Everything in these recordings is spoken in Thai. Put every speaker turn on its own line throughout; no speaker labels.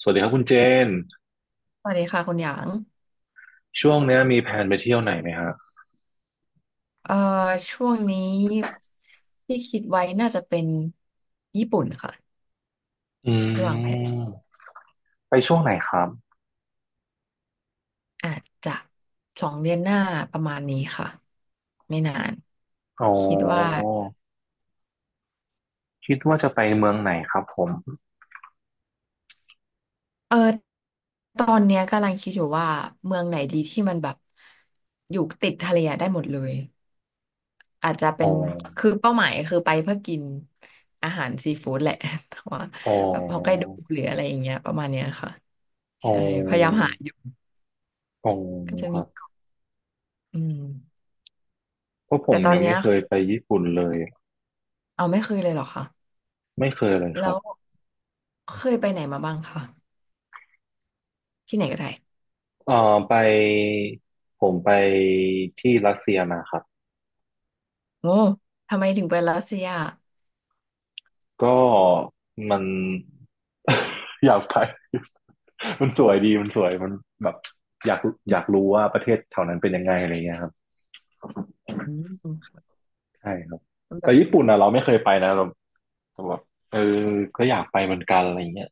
สวัสดีครับคุณเจน
สวัสดีค่ะคุณหยาง
ช่วงเนี้ยมีแผนไปเที่ยวไหนไหมฮะ
เอ่อช่วงนี้ที่คิดไว้น่าจะเป็นญี่ปุ่นค่ะ
อื
ที่วางแผน
มไปช่วงไหนครับ
อาจจะสองเดือนหน้าประมาณนี้ค่ะไม่นาน
อ๋อ
คิดว่า
คิดว่าจะไปเมืองไหนครับผม
เออตอนเนี้ยกำลังคิดอยู่ว่าเมืองไหนดีที่มันแบบอยู่ติดทะเลอะได้หมดเลยอาจจะเป็
อ๋อ
นคือเป้าหมายคือไปเพื่อกินอาหารซีฟู้ดแหละ แต่ว่า
อ๋อ
แบบฮอกไกโดหรืออะไรอย่างเงี้ยประมาณเนี้ยค่ะ
อ๋
ใช่พยายาม
อ
หา
อ๋อ
ก็จะ
ค
มี
รับ
เกาะอืม
เพราะผ
แต่
ม
ตอน
ยัง
เนี้
ไม่
ย
เคยไปญี่ปุ่นเลย
เอาไม่เคยเลยเหรอคะ
ไม่เคยเลยค
แล้
รับ
วเคยไปไหนมาบ้างคะที่ไหนก็ได้
เอ่อไปผมไปที่รัสเซียมาครับ
โอ้ทำไมถึงไปรัสเซีย
ก็มัน อยากไป มันสวยดีมันสวยมันแบบอยากอยากรู้ว่าประเทศแถวนั้นเป็นยังไงอะไรเงี้ยครับ
อืม
ใช่ครับแต่
แบบ
ญี่ปุ่นอ่ะเราไม่เคยไปนะเราแต่แบบเออก็อยากไปเหมือนกันอะไรเงี้ย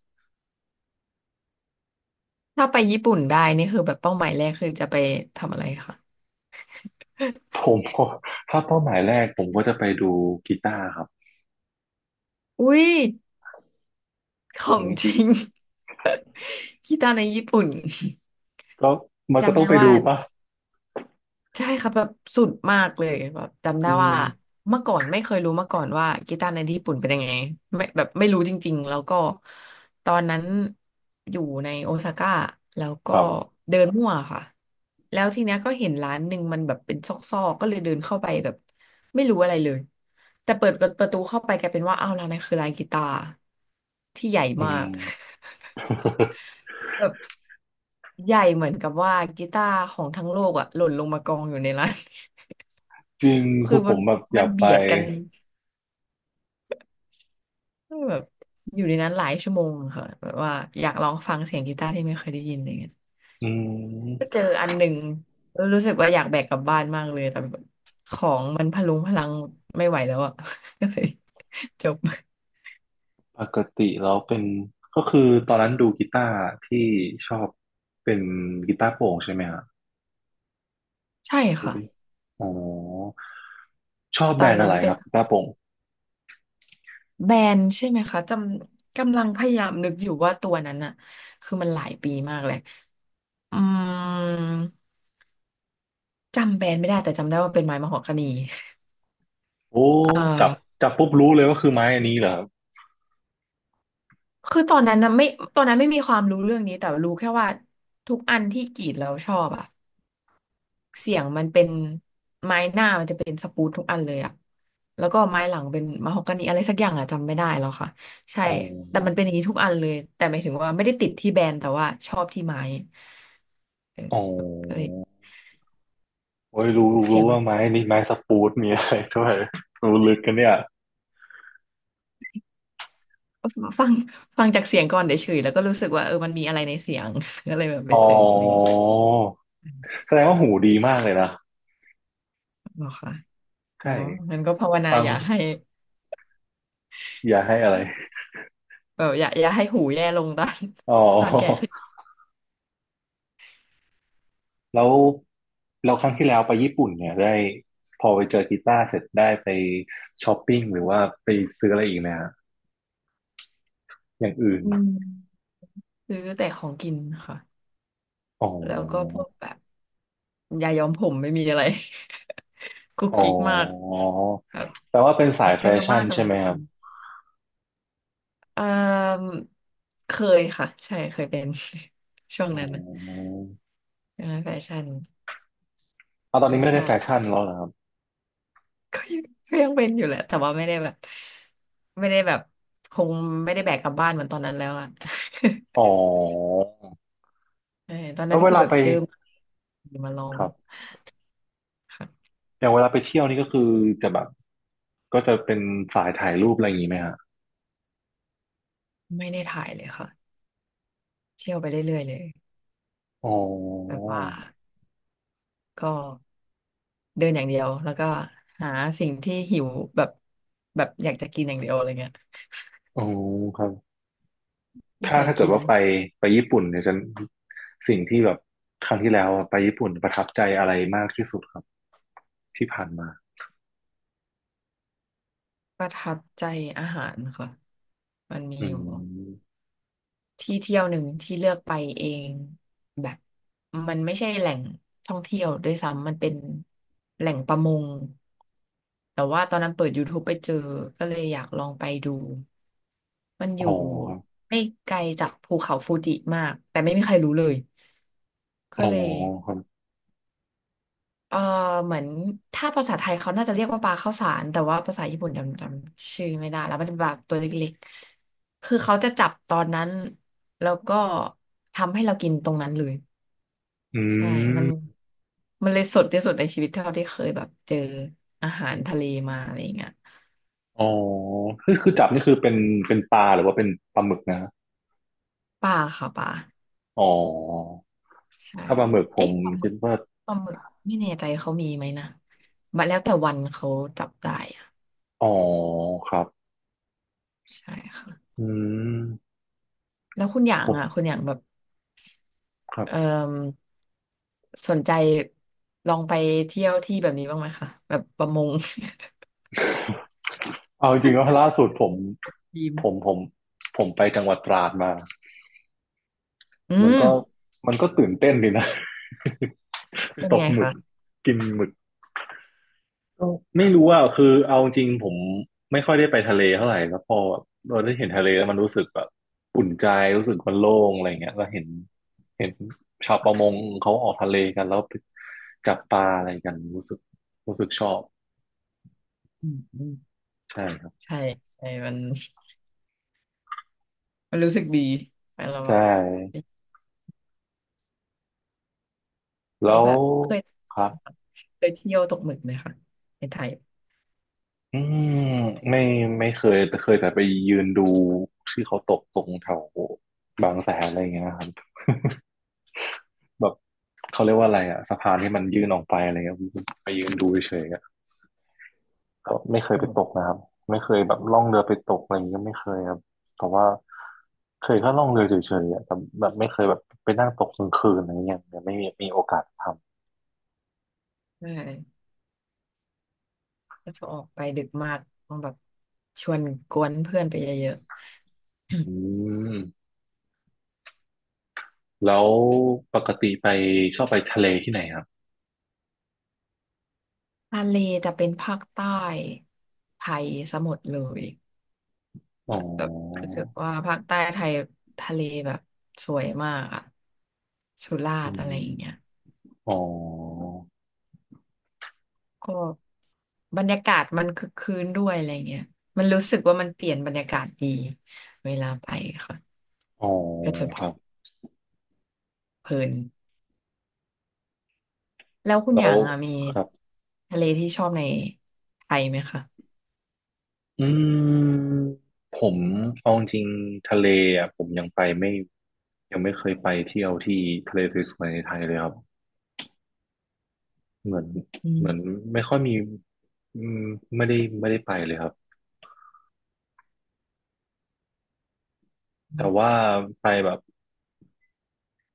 ถ้าไปญี่ปุ่นได้นี่คือแบบเป้าหมายแรกคือจะไปทำอะไรคะ
ผมก็ถ้าเป้าหมายแรกผมก็จะไปดูกีตาร์ครับ
อุ้ยขอ
อื
งจริ
ม
ง กีตาร์ในญี่ปุ่น
ก็มันก็
จำ
ต้อง
ได้
ไป
ว่า
ดูป่ะ
ใช่ครับแบบสุดมากเลยแบบจำได้
อื
ว่า
ม
เมื่อก่อนไม่เคยรู้มาก่อนว่ากีตาร์ในที่ญี่ปุ่นเป็นยังไงไม่แบบไม่รู้จริงๆแล้วก็ตอนนั้นอยู่ในโอซาก้าแล้วก็
ครับ
เดินมั่วค่ะแล้วทีเนี้ยก็เห็นร้านหนึ่งมันแบบเป็นซอกๆก็เลยเดินเข้าไปแบบไม่รู้อะไรเลยแต่เปิดประตูเข้าไปกลายเป็นว่าอ้าวร้านนั้นคือร้านกีตาร์ที่ใหญ่
อื
มาก
ม
แบบใหญ่เหมือนกับว่ากีตาร์ของทั้งโลกอะหล่นลงมากองอยู่ในร้าน
จริง
คื
คื
อ
อผ
มัน
มแบบอยากไป
เบียดกันแบบอยู่ในนั้นหลายชั่วโมงค่ะแบบว่าอยากลองฟังเสียงกีตาร์ที่ไม่เคยได้ยินอะไรเงี้ย
อื
ก็
ม
เจออันหนึ่งแล้วรู้สึกว่าอยากแบกกลับบ้านมากเลยแต่แบบของมันพะลุงพะลังไม่ไหวแล้วอ่ะ ก็เลยจบ
ปกติแล้วเป็นก็คือตอนนั้นดูกีตาร์ที่ชอบเป็นกีตาร์โปร่งใช่ไหมฮะ
ใช่
อุ๊
ค่ะ
ยอ๋อชอบ
ต
แบ
อ
ร
น
นด์อะ
นั้น
ไรค
เป็น
รับคุณป้าปง
แบนใช่ไหมคะจำกำลังพยายามนึกอยู่ว่าตัวนั้นอ่ะคือมันหลายปีมากเลยอืมจำแบรนด์ไม่ได้แต่จำได้ว่าเป็นไม้มะฮอกกานี
โอ้
เอ่อ
จับจับปุ๊บรู้เลยว่าคือไม้อันนี้เหรอครับ
คือตอนนั้นนะไม่ตอนนั้นไม่มีความรู้เรื่องนี้แต่รู้แค่ว่าทุกอันที่กรีดแล้วชอบอะเสียงมันเป็นไม้หน้ามันจะเป็นสปูดทุกอันเลยอะแล้วก็ไม้หลังเป็นมะฮอกกานีอะไรสักอย่างอะจำไม่ได้แล้วค่ะใช่
อ๋อ
แต่มันเป็นอย่างนี้ทุกอันเลยแต่หมายถึงว่าไม่ได้ติดที่แบรนด์แต่ว่าชอบที่ไม้เออ
อ๋อ
ก็เลย
โอ้ยรู้
เสีย
รู้
งมั
ว่า
น
ไม้นี้ไม้สปูดมีอะไรด้วย รู้ลึกกันเนี่ย
ฟังฟังจากเสียงก่อนเฉยๆแล้วก็รู้สึกว่าเออมันมีอะไรในเสียง ก็เลยแบบไป
อ๋อ
เสิร์ชอะไรอย่างเงี้ย
แสดงว่าหูดีมากเลยนะ
หรอกค่ะอ๋อ
ใช่
งั้นก็ภาวนา
ฟั
อ
ง
ย่าให้
อย่าให้อะไร
แบบอย่าให้หูแย่ลงตอน
อ๋อ
ตอนแก่ขึ้น
แล้วเราครั้งที่แล้วไปญี่ปุ่นเนี่ยได้พอไปเจอกีตาร์เสร็จได้ไปช้อปปิ้งหรือว่าไปซื้ออะไรอีกนะฮะอย่างอื่น
อืมซื้อแต่ของกินค่ะ
อ๋อ
แล้วก็พวกแบบยาย้อมผมไม่มีอะไร กุ๊ก
อ๋อ
กิ๊กมากแบบ
แปลว่าเป็นสายแฟ
ซื้อมา
ชั่
ม่า
น
กับ
ใช่
มา
ไหมค
ชิ
รับ
มเอ่อเคยค่ะใช่เคยเป็น ช่วง
อื
นั้นนะ
ม
ช่วงนั้นแฟชั่น
เอาตอน
ก็
นี้ไม่
ช
ได้
อ
แฟ
บ
ชั่นแล้วเหรอครับ
ก็ยังเป็นอยู่แหละแต่ว่าไม่ได้แบบไม่ได้แบบคงไม่ได้แบกกลับบ้านเหมือนตอนนั้นแล้วอ่ะ
อ๋อ
ใช่ตอน
แล้
นั้
ว
น
เว
คือ
ลา
แบบ
ไป
เจอมาลอง
ครับ
ค่ะ
อย่างเวลาไปเที่ยวนี่ก็คือจะแบบก็จะเป็นสายถ่ายรูปอะไรอย่างนี้ไหมฮะ
ไม่ได้ถ่ายเลยค่ะ เที่ยวไปเรื่อยๆเลย
อ๋อ
แบบว่าก็เดินอย่างเดียวแล้วก็หาสิ่งที่หิวแบบแบบอยากจะกินอย่างเดียวอะไรเงี้ย
อ๋อครับถ้า
ใส่
เกิด
กิน
ว่าไปไปญี่ปุ่นเนี่ยจะสิ่งที่แบบครั้งที่แล้วไปญี่ปุ่นประทับใจอะไรมากที่สุดครับที่ผ่านมา
ประทับใจอาหารค่ะมันมี
อื
อยู่
ม
ที่เที่ยวหนึ่งที่เลือกไปเองแบบมันไม่ใช่แหล่งท่องเที่ยวด้วยซ้ำมันเป็นแหล่งประมงแต่ว่าตอนนั้นเปิด YouTube ไปเจอก็เลยอยากลองไปดูมันอ
อ๋อ
ยู่
ครับ
ไม่ไกลจากภูเขาฟูจิมากแต่ไม่มีใครรู้เลย
อ๋
ก็
อ
เลย
ครับ
เออเหมือนถ้าภาษาไทยเขาน่าจะเรียกว่าปลาข้าวสารแต่ว่าภาษาญี่ปุ่นจำชื่อไม่ได้แล้วมันจะแบบตัวเล็กๆ คือเขาจะจับตอนนั้นแล้วก็ทำให้เรากินตรงนั้นเลย
อื
ใช่มัน
ม
เลยสดที่สุดในชีวิตเท่าที่เคยแบบเจออาหารทะเลมาอะไรอย่างเงี้ย
อ๋อ คือจับนี่คือเป็นเป็นปลาหรือว่าเป็นปลาหมึกนะ
ปลาค่ะปลา
อ๋อ
ใช่
ถ้าปลาหมึกผม
เอ๊ะปลาหมึ
คิด
ก
ว่า
ปลาหมึกไม่แน่ใจเขามีไหมนะมันแล้วแต่วันเขาจับได้อะ
อ๋อ ครับ
ใช่ค่ะ
อืม
แล้วคุณอย่า
ผ
งอ่ะ
ม
คุณอย่างแบบ
ครั
เอ่
บ
อสนใจลองไปเที่ยวที่แบบนี้บ้างไหมคะแบบประมง
เอาจริงๆแล้วาล่าสุดผม
ทีม
ผ มผมผมไปจังหวัดตราดมา
อื
มัน
ม
ก็มันก็ตื่นเต้นดีนะ ไป
เป็น
ตก
ไง
หมึก
คะ
กินหมึก ก็ไม่รู้อ่ะคือเอาจริงผมไม่ค่อยได้ไปทะเลเท่าไหร่แล้วพอเราได้เห็นทะเลแล้วมันรู้สึกแบบอุ่นใจรู้สึกมันโล่งอะไรเงี้ยแล้วเห็นชาวประมงเขาออกทะเลกันแล้วไปจับปลาอะไรกันรู้สึกรู้สึกชอบ
อืมอืม
ใช่ครับ
ใช่ใช่มันรู้สึกดีไปเราแบ
ใช่
บ
แล้ว
เคย
ครับ
เที่ยวตกหมึกไหมคะในไทย
อืมไม่ไม่เคยแต่เคยแต่ไปยืนดูที่เขาตกตรงแถวบางแสนอะไรอย่างเงี้ยครับ แบบเขาเรียกว่าอะไรอะสะพานที่มันยื่นออกไปอะไรเงี้ยผมไปยืนดูเฉยๆอะก็ไม่เคย
อื
ไปตก
ม
นะครับไม่เคยแบบล่องเรือไปตกอะไรอย่างเงี้ยก็ไม่เคยครับแต่ว่าเคยแค่ล่องเรือเฉยๆอะแต่แบบไม่เคยแบบไปนั่งตกกลางคืนอะไรเงี้ยยังไม่มีมีโอกาสท
ใช่ก็จะออกไปดึกมากต้องแบบชวนกวนเพื่อนไปเยอะๆ
ำอืมแล้วปกติไปชอบไปทะเลที่ไหนครับ
ทะเลแต่เป็นภาคใต้ไทยสมหมดเลย
อ๋อ
แบบรู้สึกว่าภาคใต้ไทยทะเลแบบสวยมากอะสุรา
อื
ษฎร์อะไร
ม
อย่างเงี้ย
อ๋อ
ก็บรรยากาศมันคึกคืนด้วยอะไรเงี้ยมันรู้สึกว่ามันเปลี่ยนบรรยากาศดีเวลาไปค่ะ
อ๋อ
ก็จะแบ
ค
บ
รับ
เพลินแล้วคุณ
แล้
อ
ว
ย่างอะมี
ครับ
ทะเลที่ชอบในไทยไหมคะ
อืมผมเอาจริงๆทะเลอ่ะผมยังไปไม่ยังไม่เคยไปเที่ยวที่ทะเลสวยๆในไทยเลยครับเหมือน
อื
เหมือน
ม
ไม่ค่อยมีอืมไม่ได้ไม่ได้ไปเลยครับ
อื
แต่
ม
ว่าไปแบบ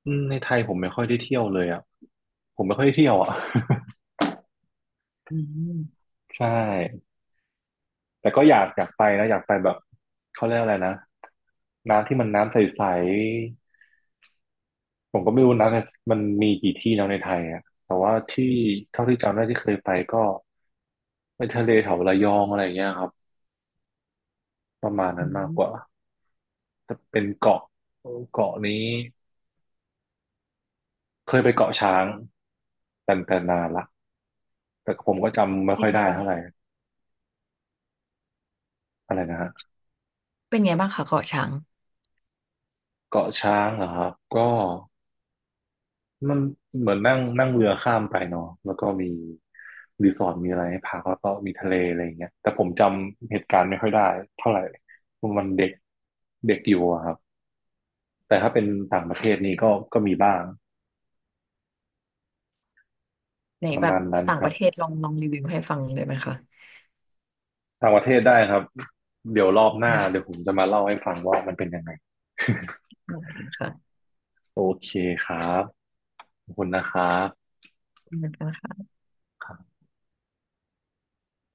อืมในไทยผมไม่ค่อยได้เที่ยวเลยอ่ะผมไม่ค่อยได้เที่ยวอ่ะ
อืม
ใช่แต่ก็อยากอยากไปนะอยากไปแบบเขาเรียกอะไรนะน้ำที่มันน้ำใส ผมก็ไม่รู้นะมันมีกี่ที่แล้วในไทยอะแต่ว่าที่เท่าที่จำได้ที่เคยไปก็ไปทะเลแถวระยองอะไรอย่างเงี้ยครับประมาณ
อื
นั้นมากก
ม
ว่าแต่เป็นเกาะเกาะนี้เคยไปเกาะช้างแต่แต่นานละแต่ผมก็จำไม่
เป็
ค่
น
อย
ไง
ได้
บ้าง
เท่าไหร่อะไรนะฮะ
เป็นไงบ้างคะเกาะช้าง
เกาะช้างเหรอครับก็ มันเหมือนนั่งนั่งเรือข้ามไปเนาะแล้วก็มีรีสอร์ทมีอะไรให้พักแล้วก็มีทะเลอะไรอย่างเงี้ยแต่ผมจำเหตุการณ์ไม่ค่อยได้เท่าไหร่มันเด็กเด็กอยู่อะครับแต่ถ้าเป็นต่างประเทศนี่ก็ก็มีบ้าง
ใน
ประ
แบบ
มาณนั้น
ต่าง
ค
ป
รับ
ระเทศลองลองรีวิวให้ฟังได้ไหมคะ
ต่างประเทศได้ครับเดี๋ยวรอบหน้า
ได้
เดี๋ยวผมจะมาเล่าให้ฟังว่ามันเป็นยังไง
ได้ค่ะ
โอเคครับขอบคุณนะครับ
ขอบคุณคะ